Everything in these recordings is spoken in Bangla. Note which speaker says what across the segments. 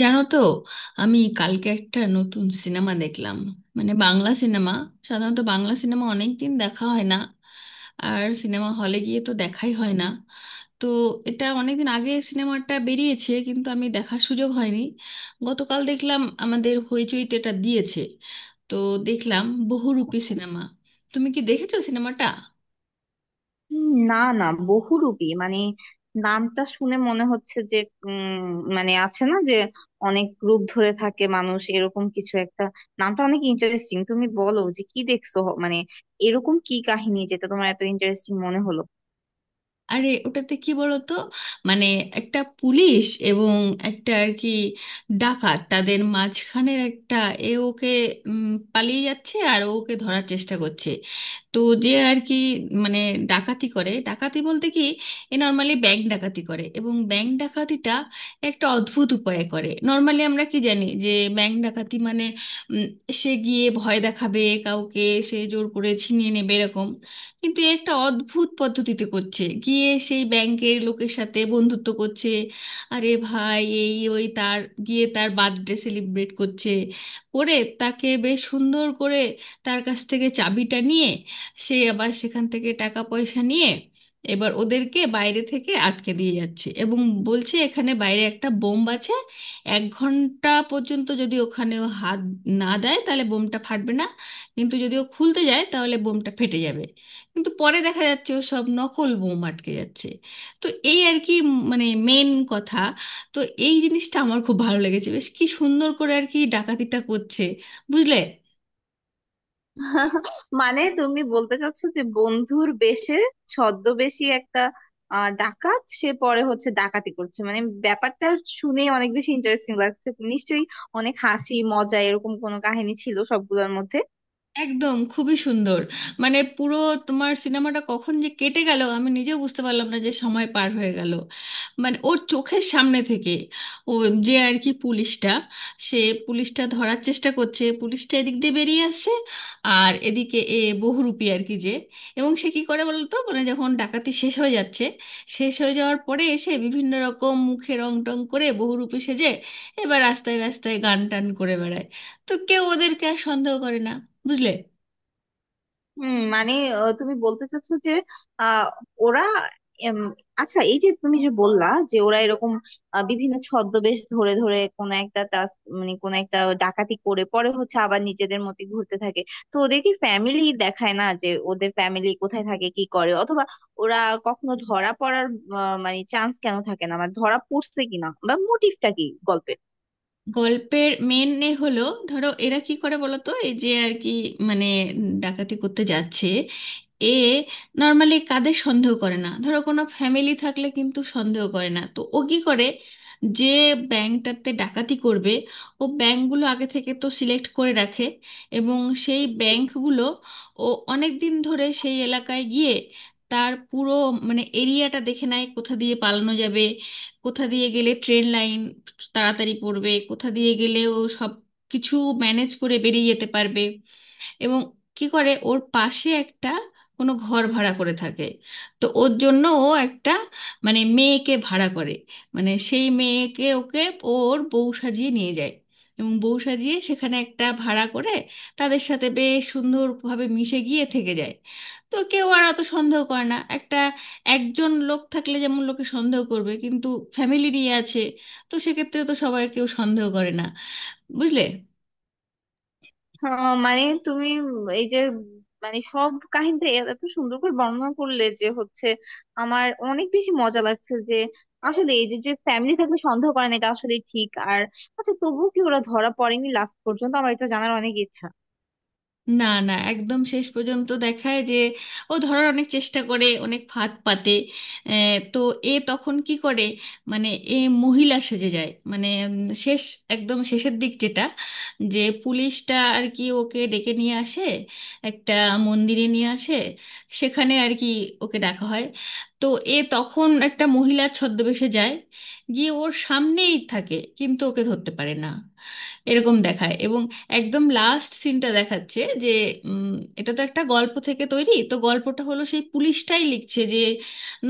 Speaker 1: জানো তো, আমি কালকে একটা নতুন সিনেমা দেখলাম। মানে বাংলা সিনেমা। সাধারণত বাংলা সিনেমা অনেক দিন দেখা হয় না, আর সিনেমা হলে গিয়ে তো দেখাই হয় না। তো এটা অনেকদিন আগে সিনেমাটা বেরিয়েছে, কিন্তু আমি দেখার সুযোগ হয়নি। গতকাল দেখলাম আমাদের হইচইতে এটা দিয়েছে। তো দেখলাম বহুরূপী সিনেমা। তুমি কি দেখেছো সিনেমাটা?
Speaker 2: না। না, বহুরূপী মানে নামটা শুনে মনে হচ্ছে যে উম মানে আছে না, যে অনেক রূপ ধরে থাকে মানুষ, এরকম কিছু একটা। নামটা অনেক ইন্টারেস্টিং। তুমি বলো যে কি দেখছো, মানে এরকম কি কাহিনী যেটা তোমার এত ইন্টারেস্টিং মনে হলো?
Speaker 1: আরে ওটাতে কি বলতো, মানে একটা পুলিশ এবং একটা আর কি ডাকাত, তাদের মাঝখানের একটা। এ ওকে উম, পালিয়ে যাচ্ছে আর ও ওকে ধরার চেষ্টা করছে। তো যে আর কি, মানে ডাকাতি করে। ডাকাতি বলতে কি, এ নর্মালি ব্যাংক ডাকাতি করে, এবং ব্যাংক ডাকাতিটা একটা অদ্ভুত উপায়ে করে। নর্মালি আমরা কি জানি যে ব্যাংক ডাকাতি মানে উম, সে গিয়ে ভয় দেখাবে কাউকে, সে জোর করে ছিনিয়ে নেবে এরকম। কিন্তু এ একটা অদ্ভুত পদ্ধতিতে করছে, গিয়ে সেই ব্যাংকের লোকের সাথে বন্ধুত্ব করছে। আরে ভাই, এই ওই তার গিয়ে তার বার্থডে সেলিব্রেট করছে, করে তাকে বেশ সুন্দর করে তার কাছ থেকে চাবিটা নিয়ে সে আবার সেখান থেকে টাকা পয়সা নিয়ে এবার ওদেরকে বাইরে থেকে আটকে দিয়ে যাচ্ছে, এবং বলছে এখানে বাইরে একটা বোম আছে। এক ঘন্টা পর্যন্ত যদি ওখানে ও হাত না দেয় তাহলে বোমটা ফাটবে না, কিন্তু যদি ও খুলতে যায় তাহলে বোমটা ফেটে যাবে। কিন্তু পরে দেখা যাচ্ছে ও সব নকল বোম আটকে যাচ্ছে। তো এই আর কি, মানে মেন কথা। তো এই জিনিসটা আমার খুব ভালো লেগেছে, বেশ কি সুন্দর করে আর কি ডাকাতিটা করছে। বুঝলে?
Speaker 2: মানে তুমি বলতে চাচ্ছো যে বন্ধুর বেশে ছদ্মবেশী একটা ডাকাত, সে পরে হচ্ছে ডাকাতি করছে। মানে ব্যাপারটা শুনে অনেক বেশি ইন্টারেস্টিং লাগছে। নিশ্চয়ই অনেক হাসি মজা এরকম কোনো কাহিনী ছিল সবগুলোর মধ্যে।
Speaker 1: একদম খুবই সুন্দর। মানে পুরো তোমার সিনেমাটা কখন যে কেটে গেল আমি নিজেও বুঝতে পারলাম না, যে সময় পার হয়ে গেল। মানে ওর চোখের সামনে থেকে ও, যে আর কি পুলিশটা, সে পুলিশটা ধরার চেষ্টা করছে, পুলিশটা এদিক দিয়ে বেরিয়ে আসছে, আর এদিকে এ বহুরূপী আর কি যে। এবং সে কি করে বলতো, মানে যখন ডাকাতি শেষ হয়ে যাচ্ছে, শেষ হয়ে যাওয়ার পরে এসে বিভিন্ন রকম মুখে রং টং করে বহুরূপী সেজে এবার রাস্তায় রাস্তায় গান টান করে বেড়ায়। তো কেউ ওদেরকে আর সন্দেহ করে না। বুঝলে?
Speaker 2: হুম, মানে তুমি বলতে চাচ্ছো যে আহ, ওরা এম, আচ্ছা এই যে তুমি যে বললা যে ওরা এরকম বিভিন্ন ছদ্মবেশ ধরে ধরে কোন একটা টাস, মানে কোন একটা ডাকাতি করে পরে হচ্ছে আবার নিজেদের মতো ঘুরতে থাকে। তো ওদের কি ফ্যামিলি দেখায় না, যে ওদের ফ্যামিলি কোথায় থাকে কি করে? অথবা ওরা কখনো ধরা পড়ার মানে চান্স কেন থাকে না, মানে ধরা পড়ছে কিনা বা মোটিভটা কি গল্পের?
Speaker 1: গল্পের মেন এ হলো, ধরো, এরা কি করে বলো তো, এই যে আর কি, মানে ডাকাতি করতে যাচ্ছে। এ নর্মালি কাদের সন্দেহ করে না, ধরো কোনো ফ্যামিলি থাকলে কিন্তু সন্দেহ করে না। তো ও কি করে যে ব্যাংকটাতে ডাকাতি করবে, ও ব্যাংকগুলো আগে থেকে তো সিলেক্ট করে রাখে, এবং সেই ব্যাংকগুলো ও অনেক দিন ধরে সেই এলাকায় গিয়ে তার পুরো, মানে এরিয়াটা দেখে নেয় কোথা দিয়ে পালানো যাবে, কোথা দিয়ে গেলে ট্রেন লাইন তাড়াতাড়ি পড়বে, কোথা দিয়ে গেলেও সব কিছু ম্যানেজ করে বেরিয়ে যেতে পারবে। এবং কি করে, ওর পাশে একটা কোনো ঘর ভাড়া করে থাকে। তো ওর জন্য ও একটা, মানে মেয়েকে ভাড়া করে, মানে সেই মেয়েকে ওকে ওর বউ সাজিয়ে নিয়ে যায়, এবং বউ সাজিয়ে সেখানে একটা ভাড়া করে তাদের সাথে বেশ সুন্দরভাবে মিশে গিয়ে থেকে যায়। তো কেউ আর অত সন্দেহ করে না। একটা একজন লোক থাকলে যেমন লোকে সন্দেহ করবে, কিন্তু ফ্যামিলি নিয়ে আছে, তো সেক্ষেত্রে তো সবাই, কেউ সন্দেহ করে না। বুঝলে?
Speaker 2: মানে তুমি, এই যে, মানে সব কাহিনীটা এত সুন্দর করে বর্ণনা করলে যে হচ্ছে আমার অনেক বেশি মজা লাগছে, যে আসলে এই যে, যে ফ্যামিলি থাকলে সন্দেহ করে না, এটা আসলে ঠিক। আর আচ্ছা তবুও কি ওরা ধরা পড়েনি লাস্ট পর্যন্ত? আমার এটা জানার অনেক ইচ্ছা।
Speaker 1: না, না, একদম শেষ পর্যন্ত দেখায় যে ও ধরার অনেক চেষ্টা করে, অনেক ফাঁদ পাতে। তো এ তখন কি করে, মানে এ মহিলা সেজে যায়। মানে শেষ, একদম শেষের দিক যেটা, যে পুলিশটা আর কি ওকে ডেকে নিয়ে আসে একটা মন্দিরে নিয়ে আসে, সেখানে আর কি ওকে ডাকা হয়। তো এ তখন একটা মহিলা ছদ্মবেশে যায়, গিয়ে ওর সামনেই থাকে কিন্তু ওকে ধরতে পারে না, এরকম দেখায়। এবং একদম লাস্ট সিনটা দেখাচ্ছে যে উম, এটা তো একটা গল্প থেকে তৈরি, তো গল্পটা হলো সেই পুলিশটাই লিখছে। যে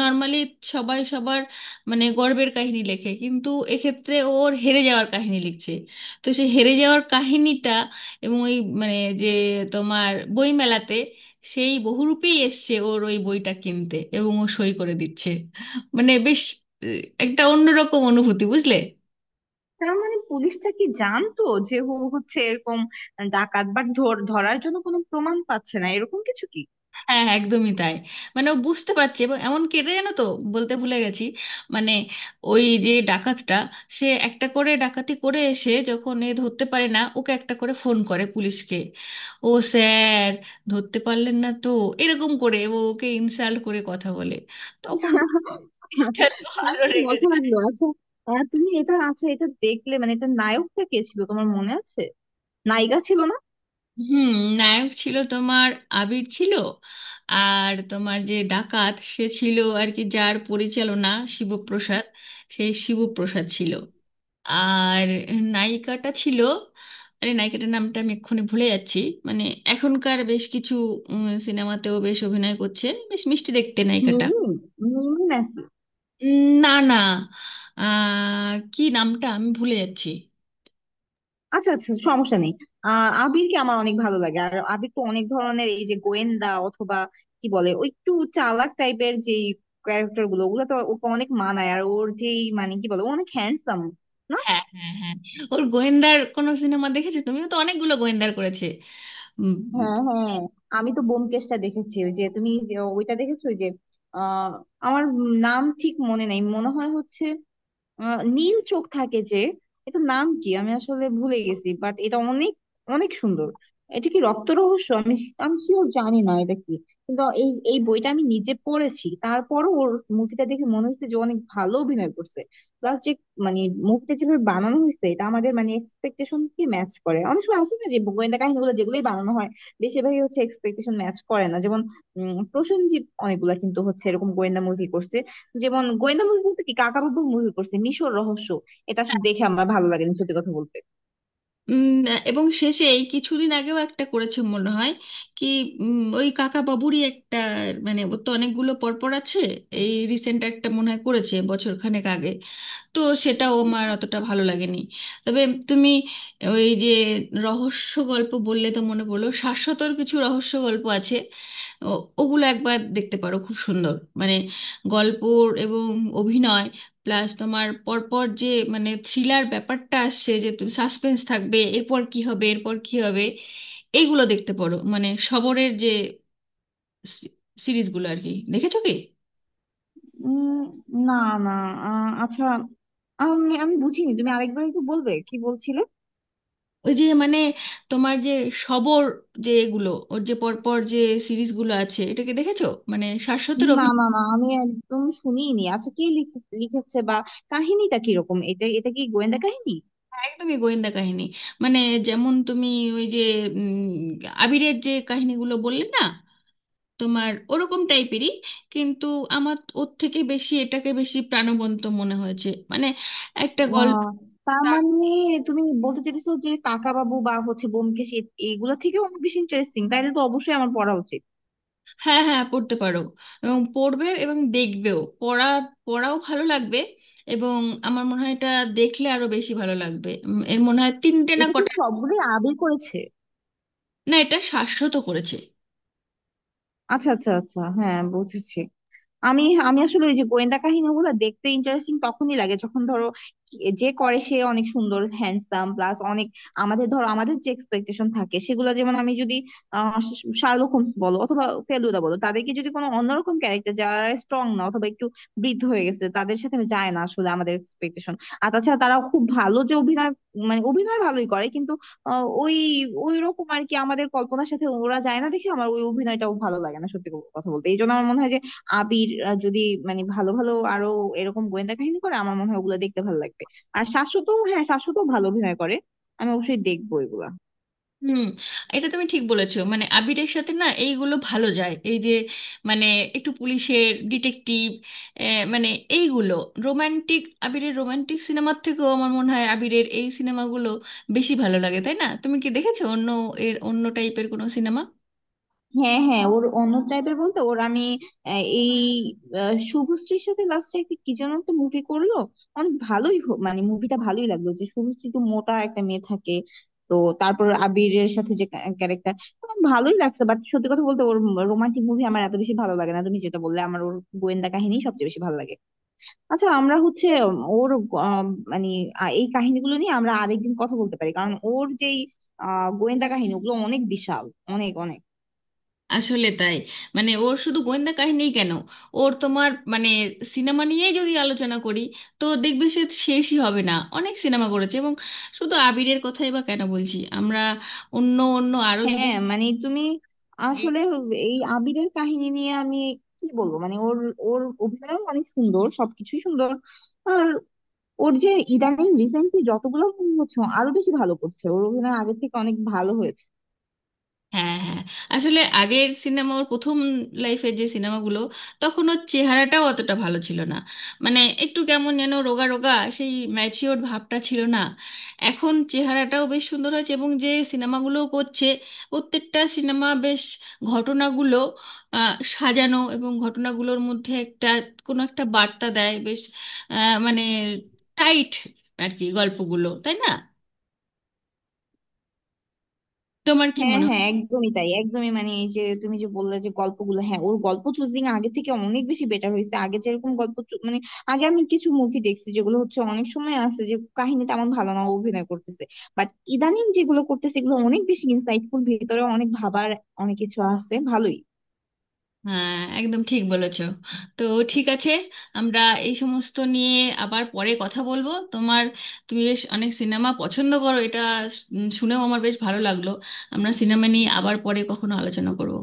Speaker 1: নর্মালি সবাই সবার, মানে গর্বের কাহিনী লেখে, কিন্তু এক্ষেত্রে ওর হেরে যাওয়ার কাহিনী লিখছে। তো সেই হেরে যাওয়ার কাহিনীটা, এবং ওই, মানে, যে তোমার বইমেলাতে সেই বহুরূপেই এসছে ওর ওই বইটা কিনতে, এবং ও সই করে দিচ্ছে। মানে বেশ একটা অন্যরকম অনুভূতি। বুঝলে?
Speaker 2: তার মানে পুলিশটা কি জানতো যে ও হচ্ছে এরকম ডাকাত, বাট ধরার জন্য কোনো প্রমাণ পাচ্ছে না, এরকম কিছু কি?
Speaker 1: হ্যাঁ, হ্যাঁ, একদমই তাই। মানে ও বুঝতে পারছে, এবং এমন কেটে, জানো তো, বলতে ভুলে গেছি, মানে ওই যে ডাকাতটা, সে একটা করে ডাকাতি করে এসে যখন এ ধরতে পারে না ওকে, একটা করে ফোন করে পুলিশকে, ও স্যার, ধরতে পারলেন না তো, এরকম করে ও ওকে ইনসাল্ট করে কথা বলে। তখন তো পুলিশটা তো আরো
Speaker 2: অনেক
Speaker 1: রেগে
Speaker 2: মজা
Speaker 1: যায়।
Speaker 2: লাগলো। আচ্ছা, তুমি এটা, আচ্ছা, এটা দেখলে মানে এটা নায়কটা কে ছিল তোমার মনে আছে? নায়িকা ছিল না?
Speaker 1: হুম। নায়ক ছিল তোমার আবির, ছিল আর তোমার যে ডাকাত সে ছিল আর কি যার পরিচালনা, শিবপ্রসাদ, সেই শিবপ্রসাদ ছিল। আর নায়িকাটা ছিল, আরে নায়িকাটার নামটা আমি এক্ষুনি ভুলে যাচ্ছি। মানে এখনকার বেশ কিছু সিনেমাতেও বেশ অভিনয় করছে, বেশ মিষ্টি দেখতে নায়িকাটা।
Speaker 2: মিমি? মিমি না?
Speaker 1: না, না, কি নামটা আমি ভুলে যাচ্ছি।
Speaker 2: আচ্ছা আচ্ছা, সমস্যা নেই। আবিরকে আমার অনেক ভালো লাগে। আর আবির তো অনেক ধরনের, এই যে গোয়েন্দা অথবা কি বলে ওই একটু চালাক টাইপের যে ক্যারেক্টার গুলো, ওগুলো তো ওকে অনেক মানায়। আর ওর যেই, মানে কি বলে, ও অনেক হ্যান্ডসাম না?
Speaker 1: হ্যাঁ, হ্যাঁ, হ্যাঁ, ওর গোয়েন্দার কোনো সিনেমা দেখেছো? তুমিও তো অনেকগুলো গোয়েন্দার করেছে।
Speaker 2: হ্যাঁ, হ্যাঁ। আমি তো ব্যোমকেশটা দেখেছি, ওই যে তুমি যে ওইটা দেখেছো, ওই যে আহ আমার নাম ঠিক মনে নেই, মনে হয় হচ্ছে নীল চোখ থাকে যে। এটা নাম কি আমি আসলে ভুলে গেছি, বাট এটা অনেক অনেক সুন্দর। এটা কি রক্ত রহস্য? আমি আমি শিওর জানি না এটা কি, কিন্তু এই এই বইটা আমি নিজে পড়েছি, তারপরও ওর মুভিটা দেখে মনে হচ্ছে যে অনেক ভালো অভিনয় করছে। প্লাস যে মানে মুভিটা যেভাবে বানানো হয়েছে, এটা আমাদের মানে এক্সপেকটেশন কি ম্যাচ করে? অনেক সময় আছে না, যে গোয়েন্দা কাহিনীগুলো যেগুলোই বানানো হয়, বেশিরভাগই হচ্ছে এক্সপেকটেশন ম্যাচ করে না। যেমন, প্রসেনজিৎ অনেকগুলা কিন্তু হচ্ছে এরকম গোয়েন্দা মুভি করছে। যেমন গোয়েন্দা মুভি বলতে কি, কাকা বাবু মুভি করছে মিশর রহস্য, এটা আসলে দেখে আমার ভালো লাগেনি সত্যি কথা বলতে।
Speaker 1: উম, এবং শেষে এই কিছুদিন আগেও একটা করেছে মনে হয়, কি ওই কাকা বাবুরই একটা। মানে ওর তো অনেকগুলো পরপর আছে, এই রিসেন্ট একটা মনে হয় করেছে বছর খানেক আগে। তো সেটা ও মার অতটা ভালো লাগেনি। তবে তুমি ওই যে রহস্য গল্প বললে তো মনে পড়লো, শাশ্বতর কিছু রহস্য গল্প আছে, ওগুলো একবার দেখতে পারো, খুব সুন্দর। মানে গল্প এবং অভিনয় প্লাস তোমার পরপর যে, মানে থ্রিলার ব্যাপারটা আসছে যে তুমি সাসপেন্স থাকবে, এরপর কি হবে এরপর কি হবে। এইগুলো দেখতে পারো, মানে সবরের যে সি- সিরিজগুলো আর কি। দেখেছো কি?
Speaker 2: উম, না, না। আচ্ছা, আমি আমি বুঝিনি, তুমি আরেকবার একটু বলবে কি বলছিলে?
Speaker 1: ওই যে মানে তোমার যে সবর, যে এগুলো ওর যে পরপর যে সিরিজগুলো আছে, এটাকে দেখেছো? মানে শাশ্বতের
Speaker 2: না
Speaker 1: অভিনয়।
Speaker 2: না না, আমি একদম শুনিনি। আচ্ছা, কে লিখেছে বা কাহিনীটা কিরকম? এটা এটা কি গোয়েন্দা কাহিনী?
Speaker 1: হ্যাঁ, একদমই গোয়েন্দা কাহিনী। মানে যেমন তুমি ওই যে উম, আবিরের যে কাহিনীগুলো বললে না, তোমার ওরকম টাইপেরই। কিন্তু আমার ওর থেকে বেশি এটাকে বেশি প্রাণবন্ত মনে হয়েছে, মানে একটা গল্প।
Speaker 2: আহ, তার মানে তুমি বলতে চাইছো যে কাকা বাবু বা হচ্ছে ব্যোমকেশ, এগুলো থেকে অনেক বেশি ইন্টারেস্টিং? তাইলে তো অবশ্যই আমার পড়া উচিত।
Speaker 1: হ্যাঁ, হ্যাঁ, পড়তে পারো এবং পড়বে এবং দেখবেও। পড়া, পড়াও ভালো লাগবে। এবং আমার মনে হয় এটা দেখলে আরো বেশি ভালো লাগবে। এর মনে হয় তিনটে না
Speaker 2: এটা কি
Speaker 1: কটা।
Speaker 2: সবগুলোই আবির করেছে?
Speaker 1: না, এটা শাশ্বত করেছে।
Speaker 2: আচ্ছা আচ্ছা আচ্ছা, হ্যাঁ বুঝেছি। আমি আমি আসলে ওই যে গোয়েন্দা কাহিনীগুলো দেখতে ইন্টারেস্টিং তখনই লাগে যখন ধরো, যে করে সে অনেক সুন্দর, হ্যান্ডসাম, প্লাস অনেক আমাদের, ধরো আমাদের যে এক্সপেকটেশন থাকে সেগুলো, যেমন আমি যদি শার্লক হোমস বলো অথবা ফেলুদা বলো, তাদেরকে যদি কোনো অন্যরকম ক্যারেক্টার যারা স্ট্রং না অথবা একটু বৃদ্ধ হয়ে গেছে, তাদের সাথে যায় না আসলে আমাদের এক্সপেকটেশন। আর তাছাড়া তারা খুব ভালো যে অভিনয়, মানে অভিনয় ভালোই করে, কিন্তু আহ, ওই ওই রকম আর কি আমাদের কল্পনার সাথে ওরা যায় না দেখে আমার ওই অভিনয়টাও ভালো লাগে না সত্যি কথা বলতে। এই জন্য আমার মনে হয় যে আবির, যদি মানে ভালো ভালো আরো এরকম গোয়েন্দা কাহিনী করে, আমার মনে হয় ওগুলো দেখতে ভালো লাগবে। আর শাশ্বত, হ্যাঁ শাশ্বত ভালো অভিনয় করে, আমি অবশ্যই দেখবো এগুলা।
Speaker 1: হুম, এটা তুমি ঠিক বলেছো, মানে আবিরের সাথে না এইগুলো ভালো যায়, এই যে মানে একটু পুলিশের ডিটেকটিভ, মানে এইগুলো। রোমান্টিক, আবিরের রোমান্টিক সিনেমার থেকেও আমার মনে হয় আবিরের এই সিনেমাগুলো বেশি ভালো লাগে, তাই না? তুমি কি দেখেছো অন্য, এর অন্য টাইপের কোনো সিনেমা?
Speaker 2: হ্যাঁ হ্যাঁ, ওর অন্য টাইপের বলতে ওর আমি এই শুভশ্রীর সাথে লাস্টে একটা কি যেন একটা মুভি করলো, অনেক ভালোই মানে মুভিটা ভালোই লাগলো, যে শুভশ্রী একটু মোটা একটা মেয়ে থাকে, তো তারপর আবিরের সাথে যে ক্যারেক্টার ভালোই লাগছে। বাট সত্যি কথা বলতে ওর রোমান্টিক মুভি আমার এত বেশি ভালো লাগে না, তুমি যেটা বললে, আমার ওর গোয়েন্দা কাহিনী সবচেয়ে বেশি ভালো লাগে। আচ্ছা, আমরা হচ্ছে ওর আহ, মানে এই কাহিনীগুলো নিয়ে আমরা আরেকদিন কথা বলতে পারি, কারণ ওর যেই গোয়েন্দা কাহিনী ওগুলো অনেক বিশাল, অনেক অনেক।
Speaker 1: আসলে তাই, মানে ওর শুধু গোয়েন্দা কাহিনী কেন, ওর তোমার মানে সিনেমা নিয়েই যদি আলোচনা করি তো দেখবে সে শেষই হবে না, অনেক সিনেমা করেছে। এবং শুধু আবিরের কথাই বা কেন বলছি আমরা, অন্য অন্য আরো যদি।
Speaker 2: হ্যাঁ মানে তুমি, আসলে এই আবিরের কাহিনী নিয়ে আমি কি বলবো, মানে ওর, ওর অভিনয় অনেক সুন্দর, সবকিছুই সুন্দর। আর ওর যে ইদানিং রিসেন্টলি যতগুলো মুভি হচ্ছে, ও আরো বেশি ভালো করছে, ওর অভিনয় আগের থেকে অনেক ভালো হয়েছে।
Speaker 1: হ্যাঁ, হ্যাঁ, আসলে আগের সিনেমা, ওর প্রথম লাইফে যে সিনেমাগুলো, তখন ওর চেহারাটাও অতটা ভালো ছিল না, মানে একটু কেমন যেন রোগা রোগা, সেই ম্যাচিওর ভাবটা ছিল না। এখন চেহারাটাও বেশ সুন্দর হয়েছে, এবং যে সিনেমাগুলো করছে, প্রত্যেকটা সিনেমা বেশ, ঘটনাগুলো সাজানো, এবং ঘটনাগুলোর মধ্যে একটা কোনো একটা বার্তা দেয়। বেশ মানে টাইট আর কি গল্পগুলো, তাই না? তোমার কি
Speaker 2: হ্যাঁ
Speaker 1: মনে?
Speaker 2: হ্যাঁ, একদমই তাই, একদমই মানে এই যে তুমি যে বললে যে গল্পগুলো, হ্যাঁ ওর গল্প চুজিং আগে থেকে অনেক বেশি বেটার হয়েছে। আগে যেরকম গল্প মানে আগে আমি কিছু মুভি দেখছি যেগুলো হচ্ছে অনেক সময় আছে যে কাহিনী তেমন ভালো না, ও অভিনয় করতেছে, বাট ইদানিং যেগুলো করতেছে এগুলো অনেক বেশি ইনসাইটফুল, ভিতরে অনেক ভাবার অনেক কিছু আছে ভালোই।
Speaker 1: হ্যাঁ, একদম ঠিক বলেছো। তো ঠিক আছে, আমরা এই সমস্ত নিয়ে আবার পরে কথা বলবো। তোমার, তুমি বেশ অনেক সিনেমা পছন্দ করো, এটা শুনেও আমার বেশ ভালো লাগলো। আমরা সিনেমা নিয়ে আবার পরে কখনো আলোচনা করব।